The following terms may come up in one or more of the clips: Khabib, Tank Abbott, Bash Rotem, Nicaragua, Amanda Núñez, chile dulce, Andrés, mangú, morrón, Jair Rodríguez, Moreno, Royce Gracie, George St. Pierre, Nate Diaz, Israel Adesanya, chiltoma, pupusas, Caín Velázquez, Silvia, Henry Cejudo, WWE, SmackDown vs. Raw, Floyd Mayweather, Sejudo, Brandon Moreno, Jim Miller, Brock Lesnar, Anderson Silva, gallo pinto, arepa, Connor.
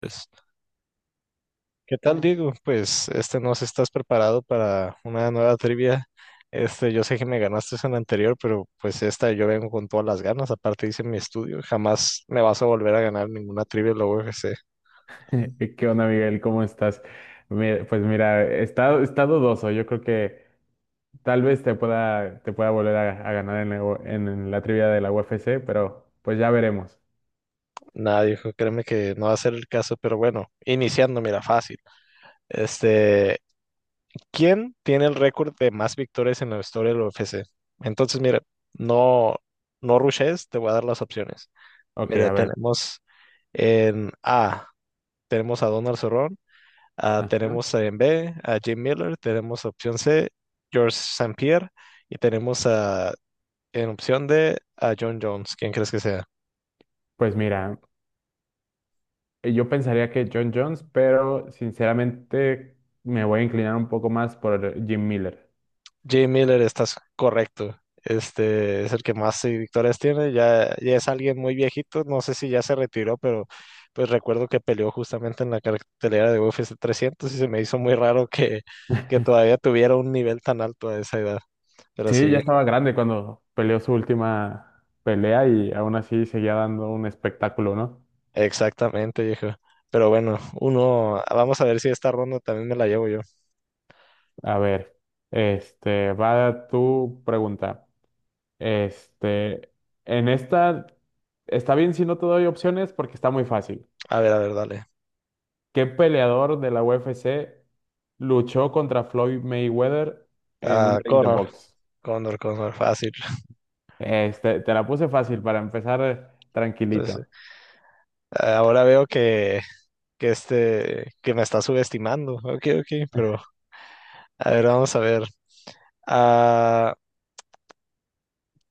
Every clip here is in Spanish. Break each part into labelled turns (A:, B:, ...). A: Pues, ¿qué tal, Diego? Pues no sé si estás preparado para una nueva trivia. Yo sé que me ganaste en la anterior, pero pues esta yo vengo con todas las ganas. Aparte hice mi estudio, jamás me vas a volver a ganar ninguna trivia en la UFC.
B: ¿Qué onda, Miguel? ¿Cómo estás? Pues mira, está dudoso. Yo creo que tal vez te pueda volver a ganar en en la trivia de la UFC, pero pues ya veremos.
A: Nada, dijo, créeme que no va a ser el caso, pero bueno, iniciando, mira, fácil. Este, ¿Quién tiene el récord de más victorias en la historia de la UFC? Entonces, mira, no, no rushes, te voy a dar las opciones.
B: Ok,
A: Mira,
B: a ver.
A: tenemos en A, tenemos a Donald Cerrón,
B: Ajá.
A: tenemos en B a Jim Miller, tenemos opción C, George St. Pierre, y tenemos a, en opción D a John Jones. ¿Quién crees que sea?
B: Pues mira, yo pensaría que John Jones, pero sinceramente me voy a inclinar un poco más por Jim Miller.
A: Jim Miller, estás correcto. Este es el que más victorias tiene. Ya, ya es alguien muy viejito. No sé si ya se retiró, pero pues recuerdo que peleó justamente en la cartelera de UFC 300 y se me hizo muy raro que todavía tuviera un nivel tan alto a esa edad. Pero
B: Sí, ya
A: sí,
B: estaba grande cuando peleó su última pelea y aún así seguía dando un espectáculo, ¿no?
A: exactamente, viejo. Pero bueno, uno, vamos a ver si esta ronda también me la llevo yo.
B: A ver, va tu pregunta. Este, en esta está bien si no te doy opciones porque está muy fácil.
A: A ver, dale.
B: ¿Qué peleador de la UFC luchó contra Floyd Mayweather en un
A: Ah,
B: ring de
A: Connor,
B: box?
A: Connor, fácil.
B: Este, te la puse fácil para empezar
A: Entonces,
B: tranquilito.
A: ahora veo que que me está subestimando. Ok, ok, pero a ver, vamos a ver. Ah,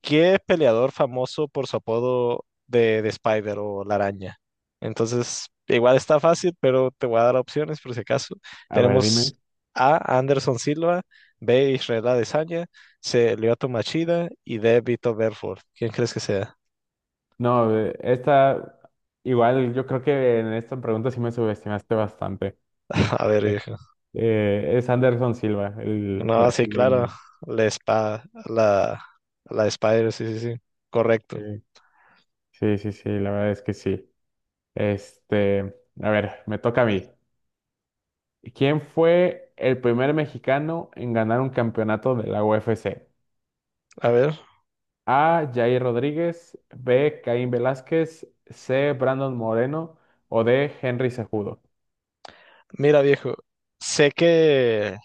A: ¿qué peleador famoso por su apodo de Spider o la araña? Entonces, igual está fácil, pero te voy a dar opciones por si acaso.
B: A ver,
A: Tenemos
B: dime.
A: A. Anderson Silva, B. Israel Adesanya, C. Lyoto Machida y D. Vito Belfort. ¿Quién crees que sea?
B: No, esta igual yo creo que en esta pregunta sí me subestimaste bastante.
A: A ver,
B: Eh,
A: viejo.
B: es Anderson Silva, el
A: No, sí, claro.
B: brasileño.
A: La spa, la, la Spider, sí, sí, sí. Correcto.
B: Sí, sí, sí, sí, la verdad es que sí. Este, a ver, me toca a mí. ¿Quién fue el primer mexicano en ganar un campeonato de la UFC?
A: A ver,
B: A. Jair Rodríguez, B. Caín Velázquez, C. Brandon Moreno o D. Henry Cejudo.
A: mira, viejo. Sé que,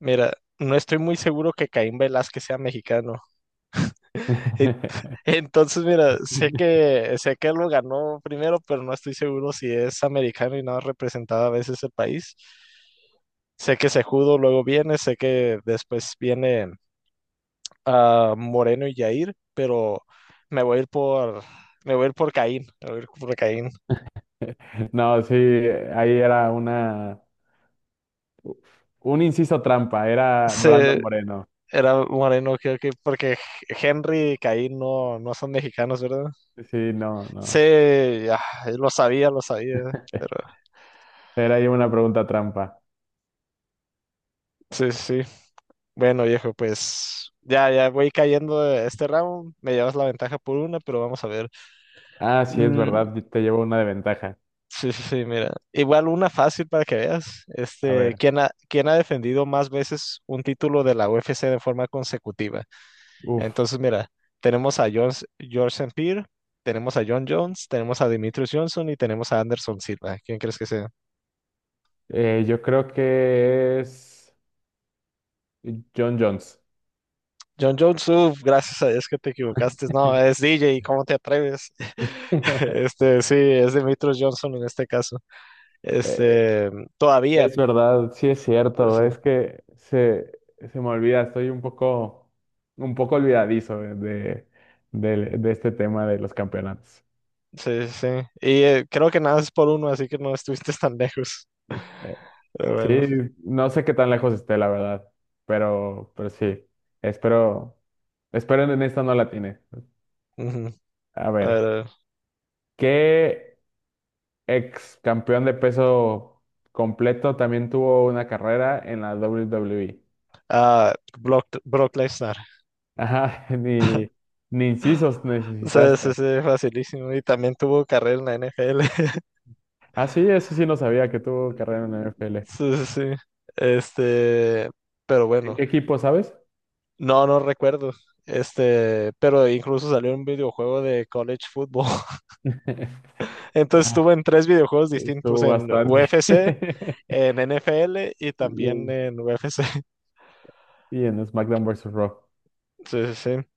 A: mira, no estoy muy seguro que Caín Velázquez sea mexicano. Entonces, mira, sé que lo ganó primero, pero no estoy seguro si es americano y no ha representado a veces el país. Sé que Sejudo luego viene, sé que después viene Moreno y Jair, pero me voy a ir por me voy a ir por Caín, me voy a ir por Caín.
B: No, sí, ahí era una, un inciso trampa, era
A: Se,
B: Brandon Moreno.
A: era Moreno, creo que porque Henry y Caín no, no son mexicanos, ¿verdad?
B: Sí, no,
A: Sí,
B: no.
A: ya, lo sabía, pero
B: Era ahí una pregunta trampa.
A: sí, sí, sí. Bueno, viejo, pues ya, ya voy cayendo de este round. Me llevas la ventaja por una, pero vamos a ver.
B: Ah, sí, es
A: Mm,
B: verdad, te llevo una de ventaja.
A: sí, sí, sí, mira. Igual una fácil para que veas.
B: A ver,
A: ¿Quién ha, quién ha defendido más veces un título de la UFC de forma consecutiva?
B: uff.
A: Entonces, mira, tenemos a Jones, George St. Pierre, tenemos a John Jones, tenemos a Demetrius Johnson y tenemos a Anderson Silva. ¿Quién crees que sea?
B: Yo creo que es John Jones.
A: John Jones, uf, gracias a Dios que te equivocaste. No, es DJ, ¿cómo te atreves? Este, sí, es Demetrius Johnson en este caso.
B: Eh,
A: Este, todavía.
B: es verdad, sí es
A: O
B: cierto,
A: sea,
B: se me olvida, estoy un poco olvidadizo de este tema de los campeonatos.
A: sí, sí. Y creo que nada es por uno, así que no estuviste tan lejos.
B: Eh,
A: Pero bueno.
B: sí, no sé qué tan lejos esté, la verdad, pero sí, espero, espero en esta no la tiene.
A: Ujú.
B: A
A: A
B: ver,
A: ver, a ver.
B: ¿qué ex campeón de peso completo también tuvo una carrera en la WWE?
A: Ah, Brock, Brock Lesnar.
B: Ajá, ni incisos
A: Sí, sí,
B: necesitaste.
A: sí, facilísimo. Y también tuvo carrera en la NFL.
B: Ah, sí, eso sí no sabía que tuvo carrera en la NFL.
A: Sí, sí, sí. Este, pero
B: ¿En
A: bueno.
B: qué equipo, sabes?
A: No, no recuerdo. Pero incluso salió un videojuego de college football. Entonces
B: Ah,
A: estuve en tres videojuegos distintos,
B: estuvo
A: en
B: bastante.
A: UFC, en NFL y
B: Y
A: también
B: en,
A: en UFC.
B: y en SmackDown vs. Raw.
A: Entonces, sí, sí, sí.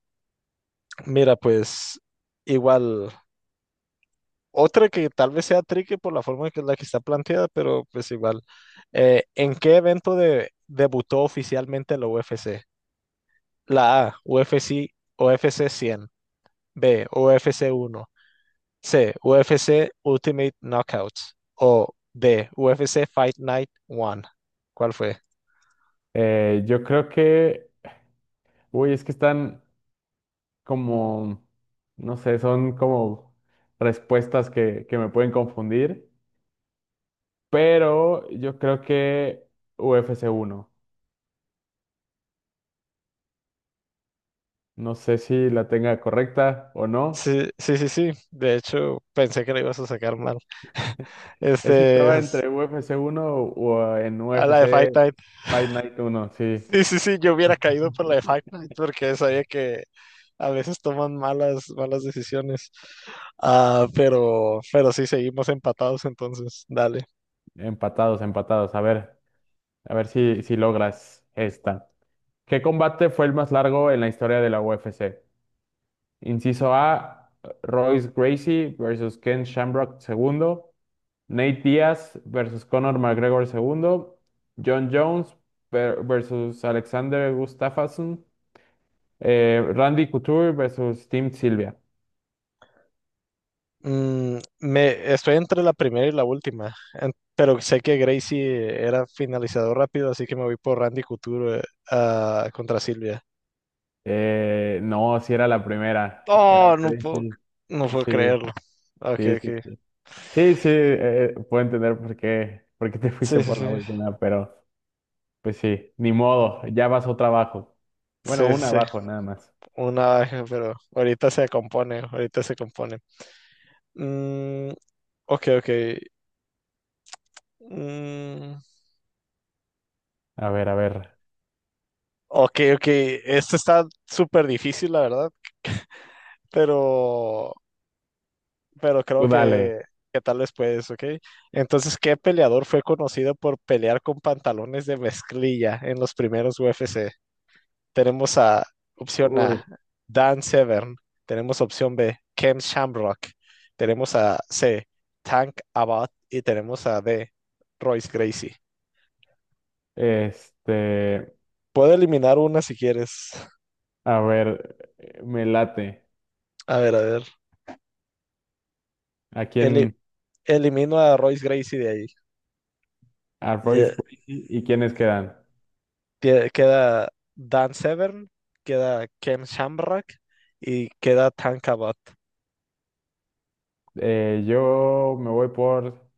A: Mira, pues igual, otra que tal vez sea tricky por la forma que la que está planteada, pero pues igual. ¿En qué evento de, debutó oficialmente la UFC? La A, UFC 100. B, UFC 1. C. UFC Ultimate Knockouts. O D. UFC Fight Night One. ¿Cuál fue?
B: Yo creo que, uy, es que están como, no sé, son como respuestas que me pueden confundir, pero yo creo que UFC uno. No sé si la tenga correcta o no.
A: Sí, sí, sí, sí. De hecho, pensé que lo ibas a sacar mal.
B: Es que
A: Este
B: estaba
A: es
B: entre UFC uno o en
A: a la de
B: UFC
A: Fight Night.
B: Fight Night uno, sí.
A: Sí, sí, sí, yo hubiera caído por la de Fight Night porque sabía que a veces toman malas, malas decisiones. Ah, pero sí, seguimos empatados entonces, dale.
B: Empatados, empatados. A ver si, si logras esta. ¿Qué combate fue el más largo en la historia de la UFC? Inciso A, Royce Gracie versus Ken Shamrock segundo. Nate Diaz versus Conor McGregor segundo, John Jones versus Alexander Gustafsson, Randy Couture versus Team Silvia.
A: Mm, me, estoy entre la primera y la última, en- pero sé que Gracie era finalizador rápido, así que me voy por Randy Couture, contra Silvia.
B: No, si era la primera. Era
A: Oh, no puedo,
B: crazy.
A: no puedo
B: Sí,
A: creerlo. Ok,
B: sí, sí,
A: ok.
B: sí. Sí, sí, puedo entender por qué te fuiste
A: Sí, sí,
B: por
A: sí.
B: la última, pero pues sí, ni modo, ya vas otra abajo. Bueno,
A: Sí,
B: una
A: sí, sí.
B: abajo nada más.
A: Una baja, pero ahorita se compone, ahorita se compone. Mm, ok, ok. Mm,
B: A ver,
A: ok, ok. Esto está súper difícil, la verdad, pero, pero creo
B: tú dale.
A: que tal vez puedes, ok. Entonces, ¿qué peleador fue conocido por pelear con pantalones de mezclilla en los primeros UFC? Tenemos a opción
B: Uy,
A: A, Dan Severn. Tenemos opción B, Ken Shamrock. Tenemos a C, Tank Abbott. Y tenemos a D, Royce Gracie.
B: este...
A: Puedo eliminar una si quieres.
B: A ver, me late.
A: A ver, a ver.
B: ¿A
A: Eli-
B: quién?
A: elimino a Royce Gracie de ahí.
B: A Royce
A: Ya,
B: Gracie, ¿y quiénes quedan?
A: tie- queda Dan Severn, queda Ken Shamrock y queda Tank Abbott.
B: Yo me voy por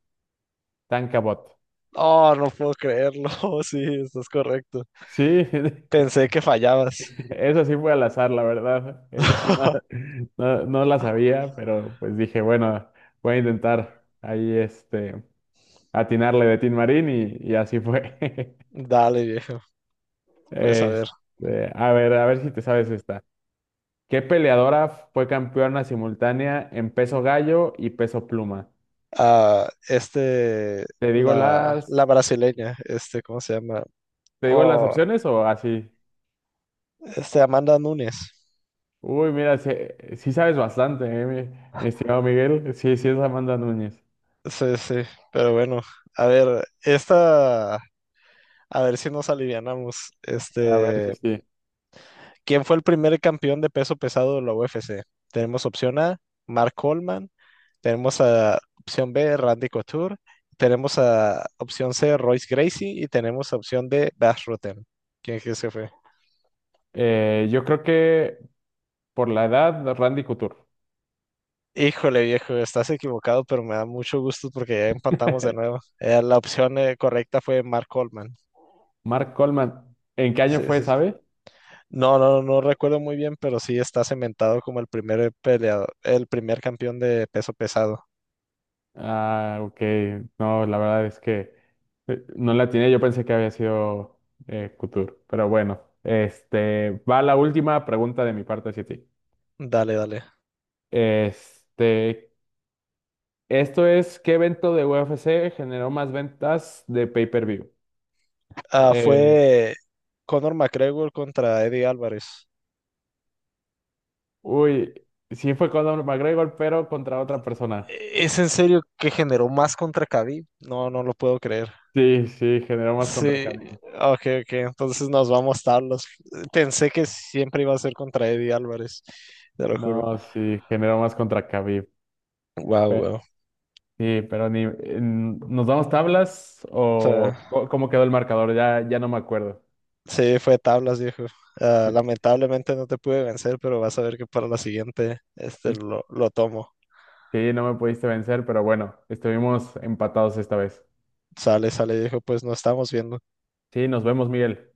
B: Tankabot.
A: Oh, no puedo creerlo. Sí, estás correcto.
B: Sí,
A: Pensé que fallabas.
B: eso sí fue al azar, la verdad. Eso sí no, no, no la sabía, pero pues dije, bueno, voy a intentar ahí este atinarle de Tin Marín y así fue.
A: Dale, viejo. Pues a ver.
B: Este, a ver si te sabes esta. ¿Qué peleadora fue campeona simultánea en peso gallo y peso pluma?
A: Ah,
B: ¿Te digo
A: la, la
B: las,
A: brasileña, este, ¿cómo se llama?
B: te digo las
A: Oh,
B: opciones o así?
A: este, Amanda Nunes.
B: Uy, mira, sí, sí sabes bastante, mi estimado Miguel. Sí, sí es Amanda Núñez.
A: Sí, sí, pero bueno. A ver, esta, a ver si nos alivianamos.
B: A ver sí, sí.
A: ¿Quién fue el primer campeón de peso pesado de la UFC? Tenemos opción A, Mark Coleman. Tenemos a opción B, Randy Couture. Tenemos a opción C, Royce Gracie. Y tenemos a opción D, Bash Rotem. ¿Quién crees que fue?
B: Yo creo que por la edad, Randy Couture.
A: Híjole, viejo, estás equivocado, pero me da mucho gusto porque ya empatamos de nuevo. La opción correcta fue Mark Coleman.
B: Mark Coleman, ¿en qué año
A: Sí,
B: fue,
A: sí, sí.
B: sabe?
A: No, no, no recuerdo muy bien, pero sí está cementado como el primer peleador, el primer campeón de peso pesado.
B: Ah, ok. No, la verdad es que no la tenía. Yo pensé que había sido Couture, pero bueno. Este, va la última pregunta de mi parte hacia ti.
A: Dale, dale.
B: Este, Esto es, ¿qué evento de UFC generó más ventas de pay-per-view?
A: Ah,
B: Eh,
A: fue Conor McGregor contra Eddie Álvarez.
B: uy, sí fue Conor McGregor, pero contra otra persona.
A: E-, ¿es en serio que generó más contra Khabib? No, no lo puedo creer.
B: Sí, sí, generó más contra
A: Sí,
B: Khabib.
A: ok, ok, entonces nos vamos tablas. Pensé que siempre iba a ser contra Eddie Álvarez, te lo juro.
B: No, sí, generó más contra Khabib.
A: Wow,
B: Pe-
A: wow.
B: sí, pero ni, ¿nos damos tablas o cómo quedó el marcador? Ya, ya no me acuerdo.
A: Sí, fue tablas, viejo. Ah, lamentablemente no te pude vencer, pero vas a ver que para la siguiente lo tomo.
B: Sí, no me pudiste vencer, pero bueno, estuvimos empatados esta vez.
A: Sale, sale, viejo, pues nos estamos viendo.
B: Sí, nos vemos, Miguel.